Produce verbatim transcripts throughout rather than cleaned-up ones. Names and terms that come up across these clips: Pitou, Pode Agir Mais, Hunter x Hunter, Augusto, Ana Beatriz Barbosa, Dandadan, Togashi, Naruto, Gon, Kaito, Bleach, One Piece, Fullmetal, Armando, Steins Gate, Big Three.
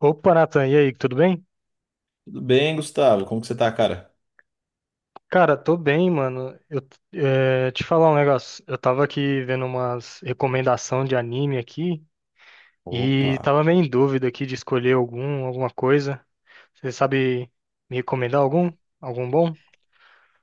Opa, Nathan, e aí, tudo bem? Tudo bem, Gustavo? Como que você tá, cara? Cara, tô bem, mano. Eu eh, te falar um negócio. Eu tava aqui vendo umas recomendação de anime aqui e Opa. tava meio em dúvida aqui de escolher algum, alguma coisa. Você sabe me recomendar algum? Algum bom?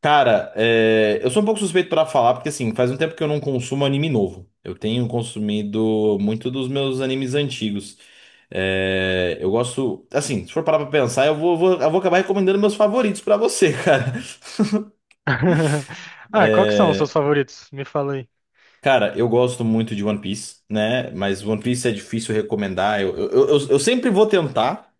Cara, é, eu sou um pouco suspeito pra falar, porque assim, faz um tempo que eu não consumo anime novo. Eu tenho consumido muito dos meus animes antigos. É, Eu gosto, assim, se for parar pra pensar, eu vou, vou- eu vou acabar recomendando meus favoritos pra você, cara. Ah, qual que são os seus favoritos? Me fala aí. Cara, eu gosto muito de One Piece, né? Mas One Piece é difícil recomendar. Eu, eu, eu, eu sempre vou tentar.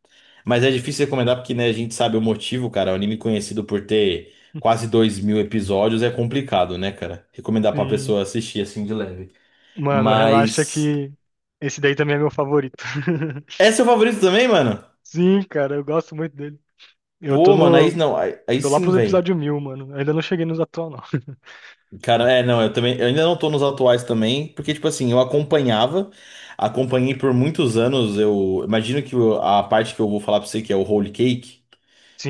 Mas é difícil recomendar porque, né, a gente sabe o motivo, cara. O anime conhecido por ter quase dois mil episódios é complicado, né, cara? Recomendar pra uma Sim. pessoa assistir assim de leve. Mano, relaxa Mas. que esse daí também é meu favorito. É seu favorito também, mano? Sim, cara, eu gosto muito dele. Eu tô Pô, mano, aí no, não, aí, aí Tô lá sim, pros vem. episódios mil, mano. Ainda não cheguei nos atual, não. Cara, é, não, eu também. Eu ainda não tô nos atuais também, porque, tipo assim, eu acompanhava, acompanhei por muitos anos. Eu imagino que o- a parte que eu vou falar pra você, que é o Holy Cake.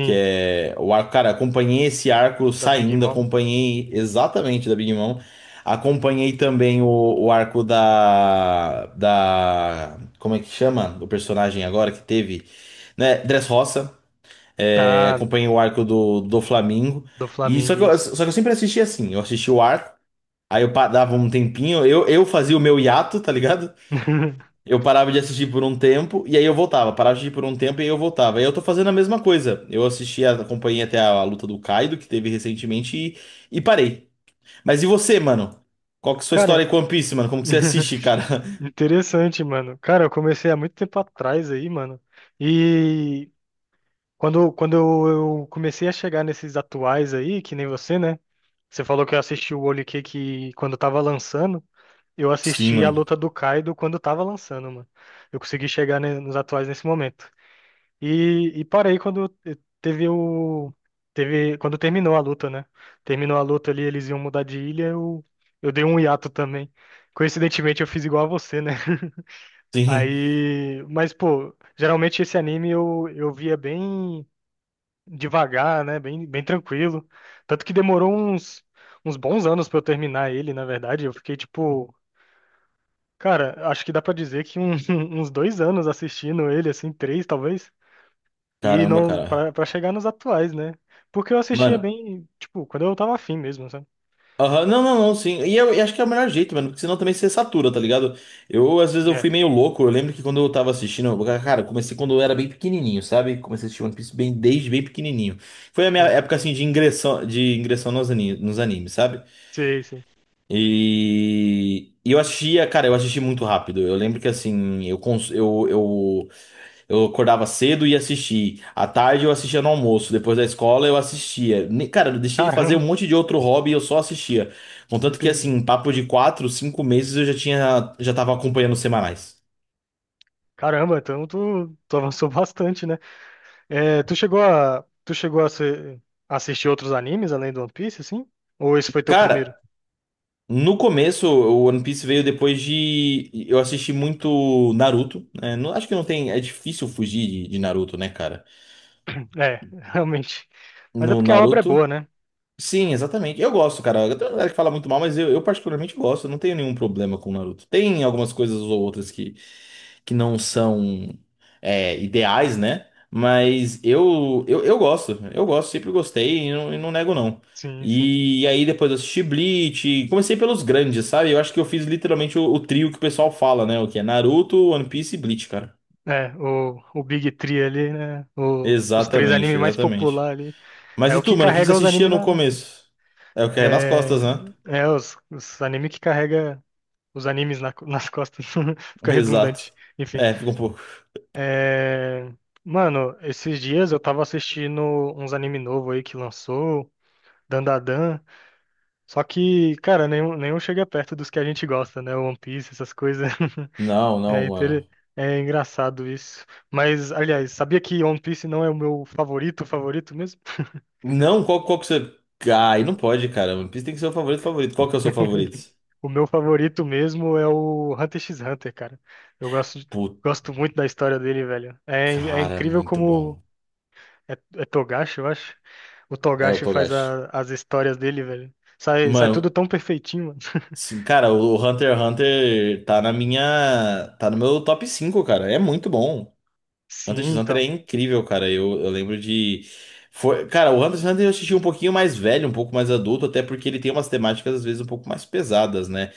Que é o arco, cara, acompanhei esse arco Da Big saindo, Mom? acompanhei exatamente da Big Mom. Acompanhei também o, o arco da, da. Como é que chama? O personagem agora que teve. Né? Dressrosa. É, Ah, acompanhei o arco do, do Flamingo. do E só Flamengo, que, eu, isso. só que eu sempre assisti assim. Eu assisti o arco, aí eu pa- dava um tempinho, eu, eu fazia o meu hiato, tá ligado? Eu parava de assistir por um tempo e aí eu voltava. Parava de assistir por um tempo e aí eu voltava. E eu tô fazendo a mesma coisa. Eu assisti, a- acompanhei até a, a luta do Kaido, que teve recentemente, e, e parei. Mas e você, mano? Qual que é a sua história Cara, com One Piece, mano? Como que você assiste, cara? interessante, mano. Cara, eu comecei há muito tempo atrás aí, mano. E quando, quando eu eu comecei a chegar nesses atuais aí, que nem você, né? Você falou que eu assisti o Olho que quando tava lançando. Eu Sim, assisti a mano. luta do Kaido quando tava lançando, mano. Eu consegui chegar ne- nos atuais nesse momento. E, e parei quando teve o. Teve, quando terminou a luta, né? Terminou a luta ali, eles iam mudar de ilha, eu, eu dei um hiato também. Coincidentemente, eu fiz igual a você, né? Sim. Aí. Mas, pô, geralmente esse anime eu, eu via bem devagar, né? Bem, bem tranquilo. Tanto que demorou uns, uns bons anos pra eu terminar ele, na verdade. Eu fiquei tipo. Cara, acho que dá pra dizer que um- uns dois anos assistindo ele, assim, três talvez. E Caramba, não pra cara. pra chegar nos atuais, né? Porque eu assistia Mano, bem, tipo, quando eu tava afim mesmo, sabe? aham, não, não, não, sim. E eu, e acho que é o melhor jeito, mano, porque senão também você satura, tá ligado? Eu, às vezes, eu É, fui meio louco. Eu lembro que quando eu tava assistindo, eu- cara, eu comecei quando eu era bem pequenininho, sabe? Comecei a assistir One Piece bem, desde bem pequenininho. Foi a minha sim. época, assim, de ingressão, de ingressão nos ani- nos animes, sabe? Sei, sei. E, e eu assistia, cara, eu assisti muito rápido. Eu lembro que, assim, eu, cons- eu, eu eu acordava cedo e ia assistir. À tarde eu assistia no almoço. Depois da escola eu assistia. Ne- Cara, eu deixei de fazer um Caramba, monte de outro hobby e eu só assistia. Contanto que, assim, entendi. em papo de quatro, cinco meses eu já tinha, já tava acompanhando os semanais. Caramba, então tu, tu avançou bastante, né? É, tu chegou a, tu chegou a ser- assistir outros animes além do One Piece, assim? Ou esse foi teu primeiro? Cara, no começo o One Piece veio depois de. Eu assisti muito Naruto. Né? Não- acho que não tem. É difícil fugir de, de Naruto, né, cara? É, realmente. Mas é No porque a obra é boa, Naruto. né? Sim, exatamente. Eu gosto, cara. Tem uma galera que fala muito mal, mas eu, eu particularmente gosto. Eu não tenho nenhum problema com o Naruto. Tem algumas coisas ou outras que, que não são é, ideais, né? Mas eu, eu, eu gosto. Eu gosto, sempre gostei e não, e não nego, não. Sim, sim. E aí depois eu assisti Bleach. Comecei pelos grandes, sabe? Eu acho que eu fiz literalmente o, o trio que o pessoal fala, né? O que é Naruto, One Piece e Bleach, cara. É, o, o Big Three ali, né? O, os três animes Exatamente, mais exatamente. populares ali. É Mas e o que tu, mano? O que que você carrega os assistia animes. no começo? É o que é nas costas, É, né? é os, os anime que carrega os animes na- nas costas. Fica Exato. redundante. Enfim. É, fica um pouco. É, mano, esses dias eu tava assistindo uns anime novo aí que lançou, Dandadan. Só que, cara, nenhum, nenhum chega perto dos que a gente gosta, né? One Piece, essas coisas. Não, É, não, mano. inter- é engraçado isso. Mas, aliás, sabia que One Piece não é o meu favorito, favorito mesmo? Não, qual, qual que você. Ai, não pode, cara. One Piece tem que ser o favorito, favorito. Qual que é o seu favorito? O meu favorito mesmo é o Hunter x Hunter, cara. Eu gosto, de- Puta, Gosto muito da história dele, velho. É, é cara, incrível muito como. bom. É, é Togashi, eu acho. O É o Togashi faz Togashi. a- as histórias dele, velho. Sai, sai tudo Mano, tão perfeitinho, mano. sim, cara, o Hunter x Hunter tá na minha. Tá no meu top cinco cara. É muito bom. Hunter Sim, x Hunter é então. incrível, cara. Eu, eu lembro de. Foi... Cara, o Hunter x Hunter eu assisti um pouquinho mais velho, um pouco mais adulto, até porque ele tem umas temáticas, às vezes, um pouco mais pesadas, né?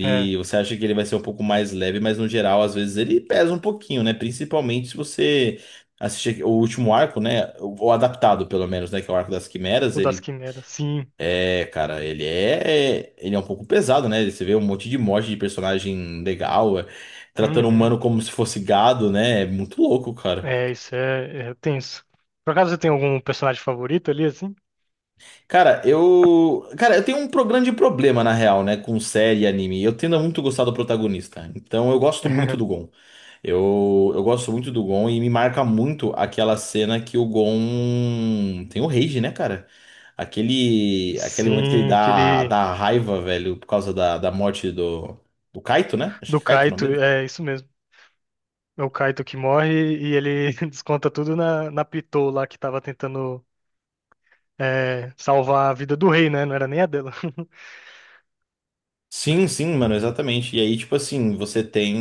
É. Você acha que ele vai ser um pouco mais leve, mas no geral, às vezes, ele pesa um pouquinho, né? Principalmente se você assistir o último arco, né? Ou adaptado, pelo menos, né? Que é o arco das quimeras. O das Ele Quimeras. Sim. é, cara, ele é. Ele é um pouco pesado, né? Você vê um monte de morte de personagem legal, é, tratando o Uhum. humano como se fosse gado, né? É muito louco, cara. É, isso é, é tenso. Por acaso você tem algum personagem favorito ali, assim? Cara, eu. Cara, eu tenho um pro- grande problema, na real, né, com série e anime. Eu tendo a muito gostar do protagonista. Então eu gosto muito do Gon. Eu, eu gosto muito do Gon e me marca muito aquela cena que o Gon tem o rage, né, cara? Aquele, aquele momento que ele Sim, dá, aquele. dá raiva, velho, por causa da, da morte do, do Kaito, né? Acho Do que é Kaito o Kaito, nome dele. é isso mesmo. É o Kaito que morre e ele desconta tudo na, na Pitou lá que tava tentando é, salvar a vida do rei, né? Não era nem a dela. Sim, sim, mano, exatamente. E aí, tipo assim, você tem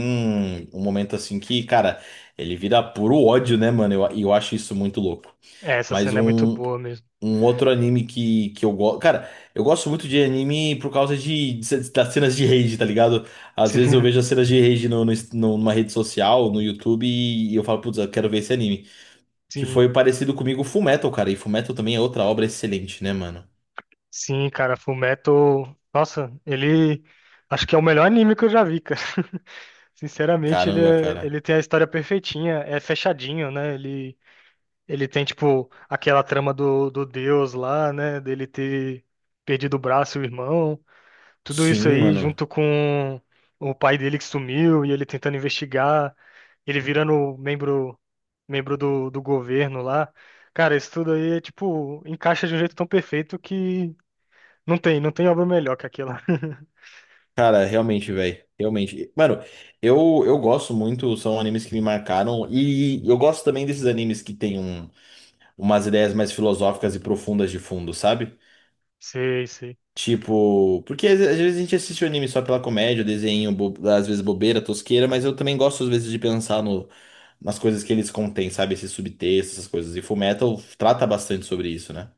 um momento assim que, cara, ele vira puro ódio, né, mano? Eu, e eu acho isso muito louco. É, essa Mas cena é muito um, boa mesmo. um outro anime que, que, eu gosto. Cara, eu gosto muito de anime por causa de, de- das cenas de rage, tá ligado? Às vezes eu Sim, vejo as cenas de rage no, no, no- numa rede social, no YouTube, e eu falo, putz, eu quero ver esse anime. Que sim, foi parecido comigo Fullmetal, cara. E Fullmetal também é outra obra excelente, né, mano? sim, cara, Fullmetal, nossa, ele acho que é o melhor anime que eu já vi, cara. Sinceramente, ele, Caramba, é- cara. ele tem a história perfeitinha, é fechadinho, né? Ele, ele tem, tipo, aquela trama do, do Deus lá, né? Dele ter perdido o braço e o irmão. Tudo isso Sim, aí mano. junto com o pai dele que sumiu e ele tentando investigar, ele virando membro membro do, do governo lá. Cara, isso tudo aí é tipo, encaixa de um jeito tão perfeito que não tem, não tem obra melhor que aquela. Cara, realmente, velho. Realmente. Mano, eu, eu gosto muito, são animes que me marcaram. E eu gosto também desses animes que tem um, umas ideias mais filosóficas e profundas de fundo, sabe? Sei, sei. Tipo, porque às às vezes a gente assiste o anime só pela comédia, desenho, bo- às vezes bobeira, tosqueira, mas eu também gosto às vezes de pensar no, nas coisas que eles contêm, sabe? Esses subtexto, essas coisas. E Fullmetal trata bastante sobre isso, né?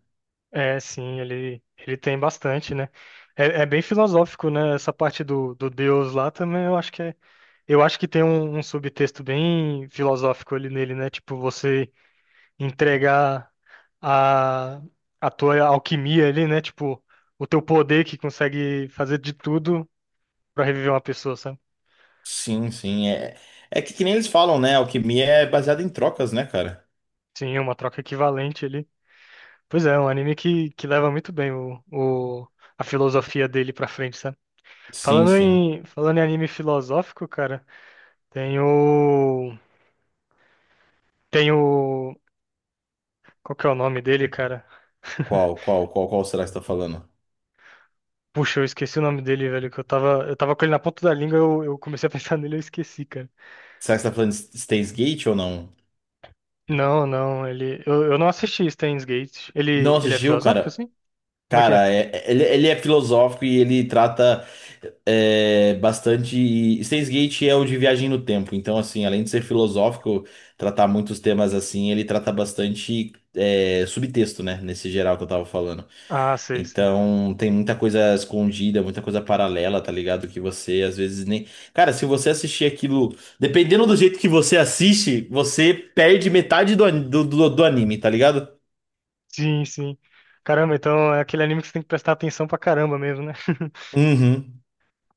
É, sim, ele, ele tem bastante, né? É, é bem filosófico, né? Essa parte do, do Deus lá também, eu acho que é, eu acho que tem um, um subtexto bem filosófico ali nele, né? Tipo, você entregar a, a tua alquimia ali, né? Tipo, o teu poder que consegue fazer de tudo pra reviver uma pessoa, sabe? Sim, sim. É, é que, que nem eles falam, né? Alquimia é baseada em trocas, né, cara? Sim, uma troca equivalente ali. Pois é, é um anime que, que leva muito bem o, o, a filosofia dele pra frente, sabe? Sim, Falando sim. Em, falando em anime filosófico, cara, tem o. Tem o. Qual que é o nome dele, cara? Qual, qual, qual, qual será que você tá falando? Puxa, eu esqueci o nome dele, velho, que eu tava, eu tava com ele na ponta da língua, eu, eu comecei a pensar nele e eu esqueci, cara. Será que você tá falando de Steins Gate ou não? Não, não, ele. Eu, eu não assisti Steins Gate. Não Ele, ele é assistiu, filosófico, cara? assim? Como é que é? Cara, é- é, ele, ele é filosófico e ele trata é, bastante. E Steins Gate é o de viagem no tempo, então, assim, além de ser filosófico, tratar muitos temas assim, ele trata bastante é, subtexto, né? Nesse geral que eu tava falando. Ah, sei, sei. Então, tem muita coisa escondida, muita coisa paralela, tá ligado? Que você às vezes nem. Cara, se você assistir aquilo, dependendo do jeito que você assiste, você perde metade do, an- do, do do anime, tá ligado? Sim, sim. Caramba, então é aquele anime que você tem que prestar atenção pra caramba mesmo, né? Uhum.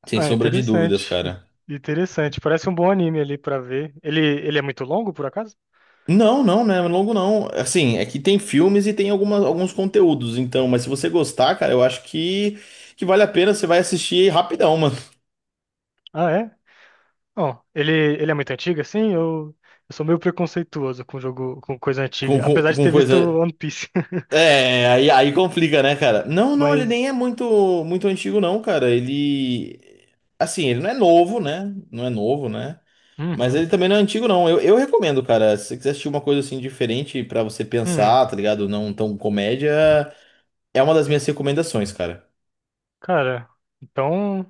Sem Ah, sombra de dúvidas, interessante. in- cara. Interessante. Parece um bom anime ali pra ver. Ele, ele é muito longo, por acaso? Não, não, né? Longo não. Assim, é que tem filmes e tem algumas, alguns conteúdos, então, mas se você gostar, cara, eu acho que, que vale a pena, você vai assistir rapidão, mano. Ah, é? Ó, ele, ele é muito antigo, assim? Eu, eu sou meio preconceituoso com jogo, com coisa Com, antiga. com, Apesar de com ter visto coisa. One Piece. É, aí, aí complica, né, cara? Não, não, ele nem Mas. é muito, muito antigo, não, cara. Ele. Assim, ele não é novo, né? Não é novo, né? Mas Uhum. ele também não é antigo, não. Eu, eu recomendo, cara. Se você quiser assistir uma coisa assim diferente pra você Hum, pensar, tá ligado? Não tão comédia, é uma das minhas recomendações, cara. cara, então.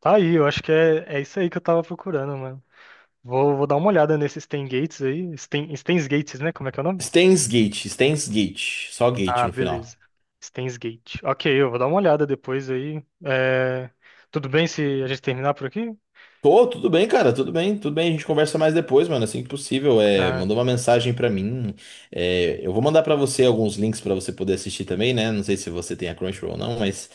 Tá aí, eu acho que é, é isso aí que eu tava procurando, mano. Vou, vou dar uma olhada nesses Stan Gates aí. Stan, Stan's Gates, né? Como é que é o nome? Steins Gate, Steins Gate, só Gate Ah, no beleza. final. Stan's Gate. Ok, eu vou dar uma olhada depois aí. É, tudo bem se a gente terminar por aqui? Tô, tudo bem, cara, tudo bem, tudo bem. A gente conversa mais depois, mano, assim que possível. É, Ah, mandou uma mensagem pra mim. É, eu vou mandar pra você alguns links pra você poder assistir também, né? Não sei se você tem a Crunchyroll ou não, mas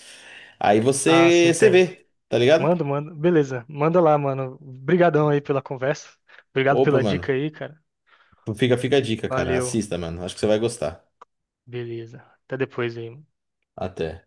aí ah, sim, você, você tem. vê, tá ligado? Manda, manda. Beleza, manda lá, mano. Obrigadão aí pela conversa. Obrigado Opa, pela dica mano, aí, cara. fica, fica a dica, cara. Valeu. Assista, mano. Acho que você vai gostar. Beleza. Até depois aí. Mano. Até.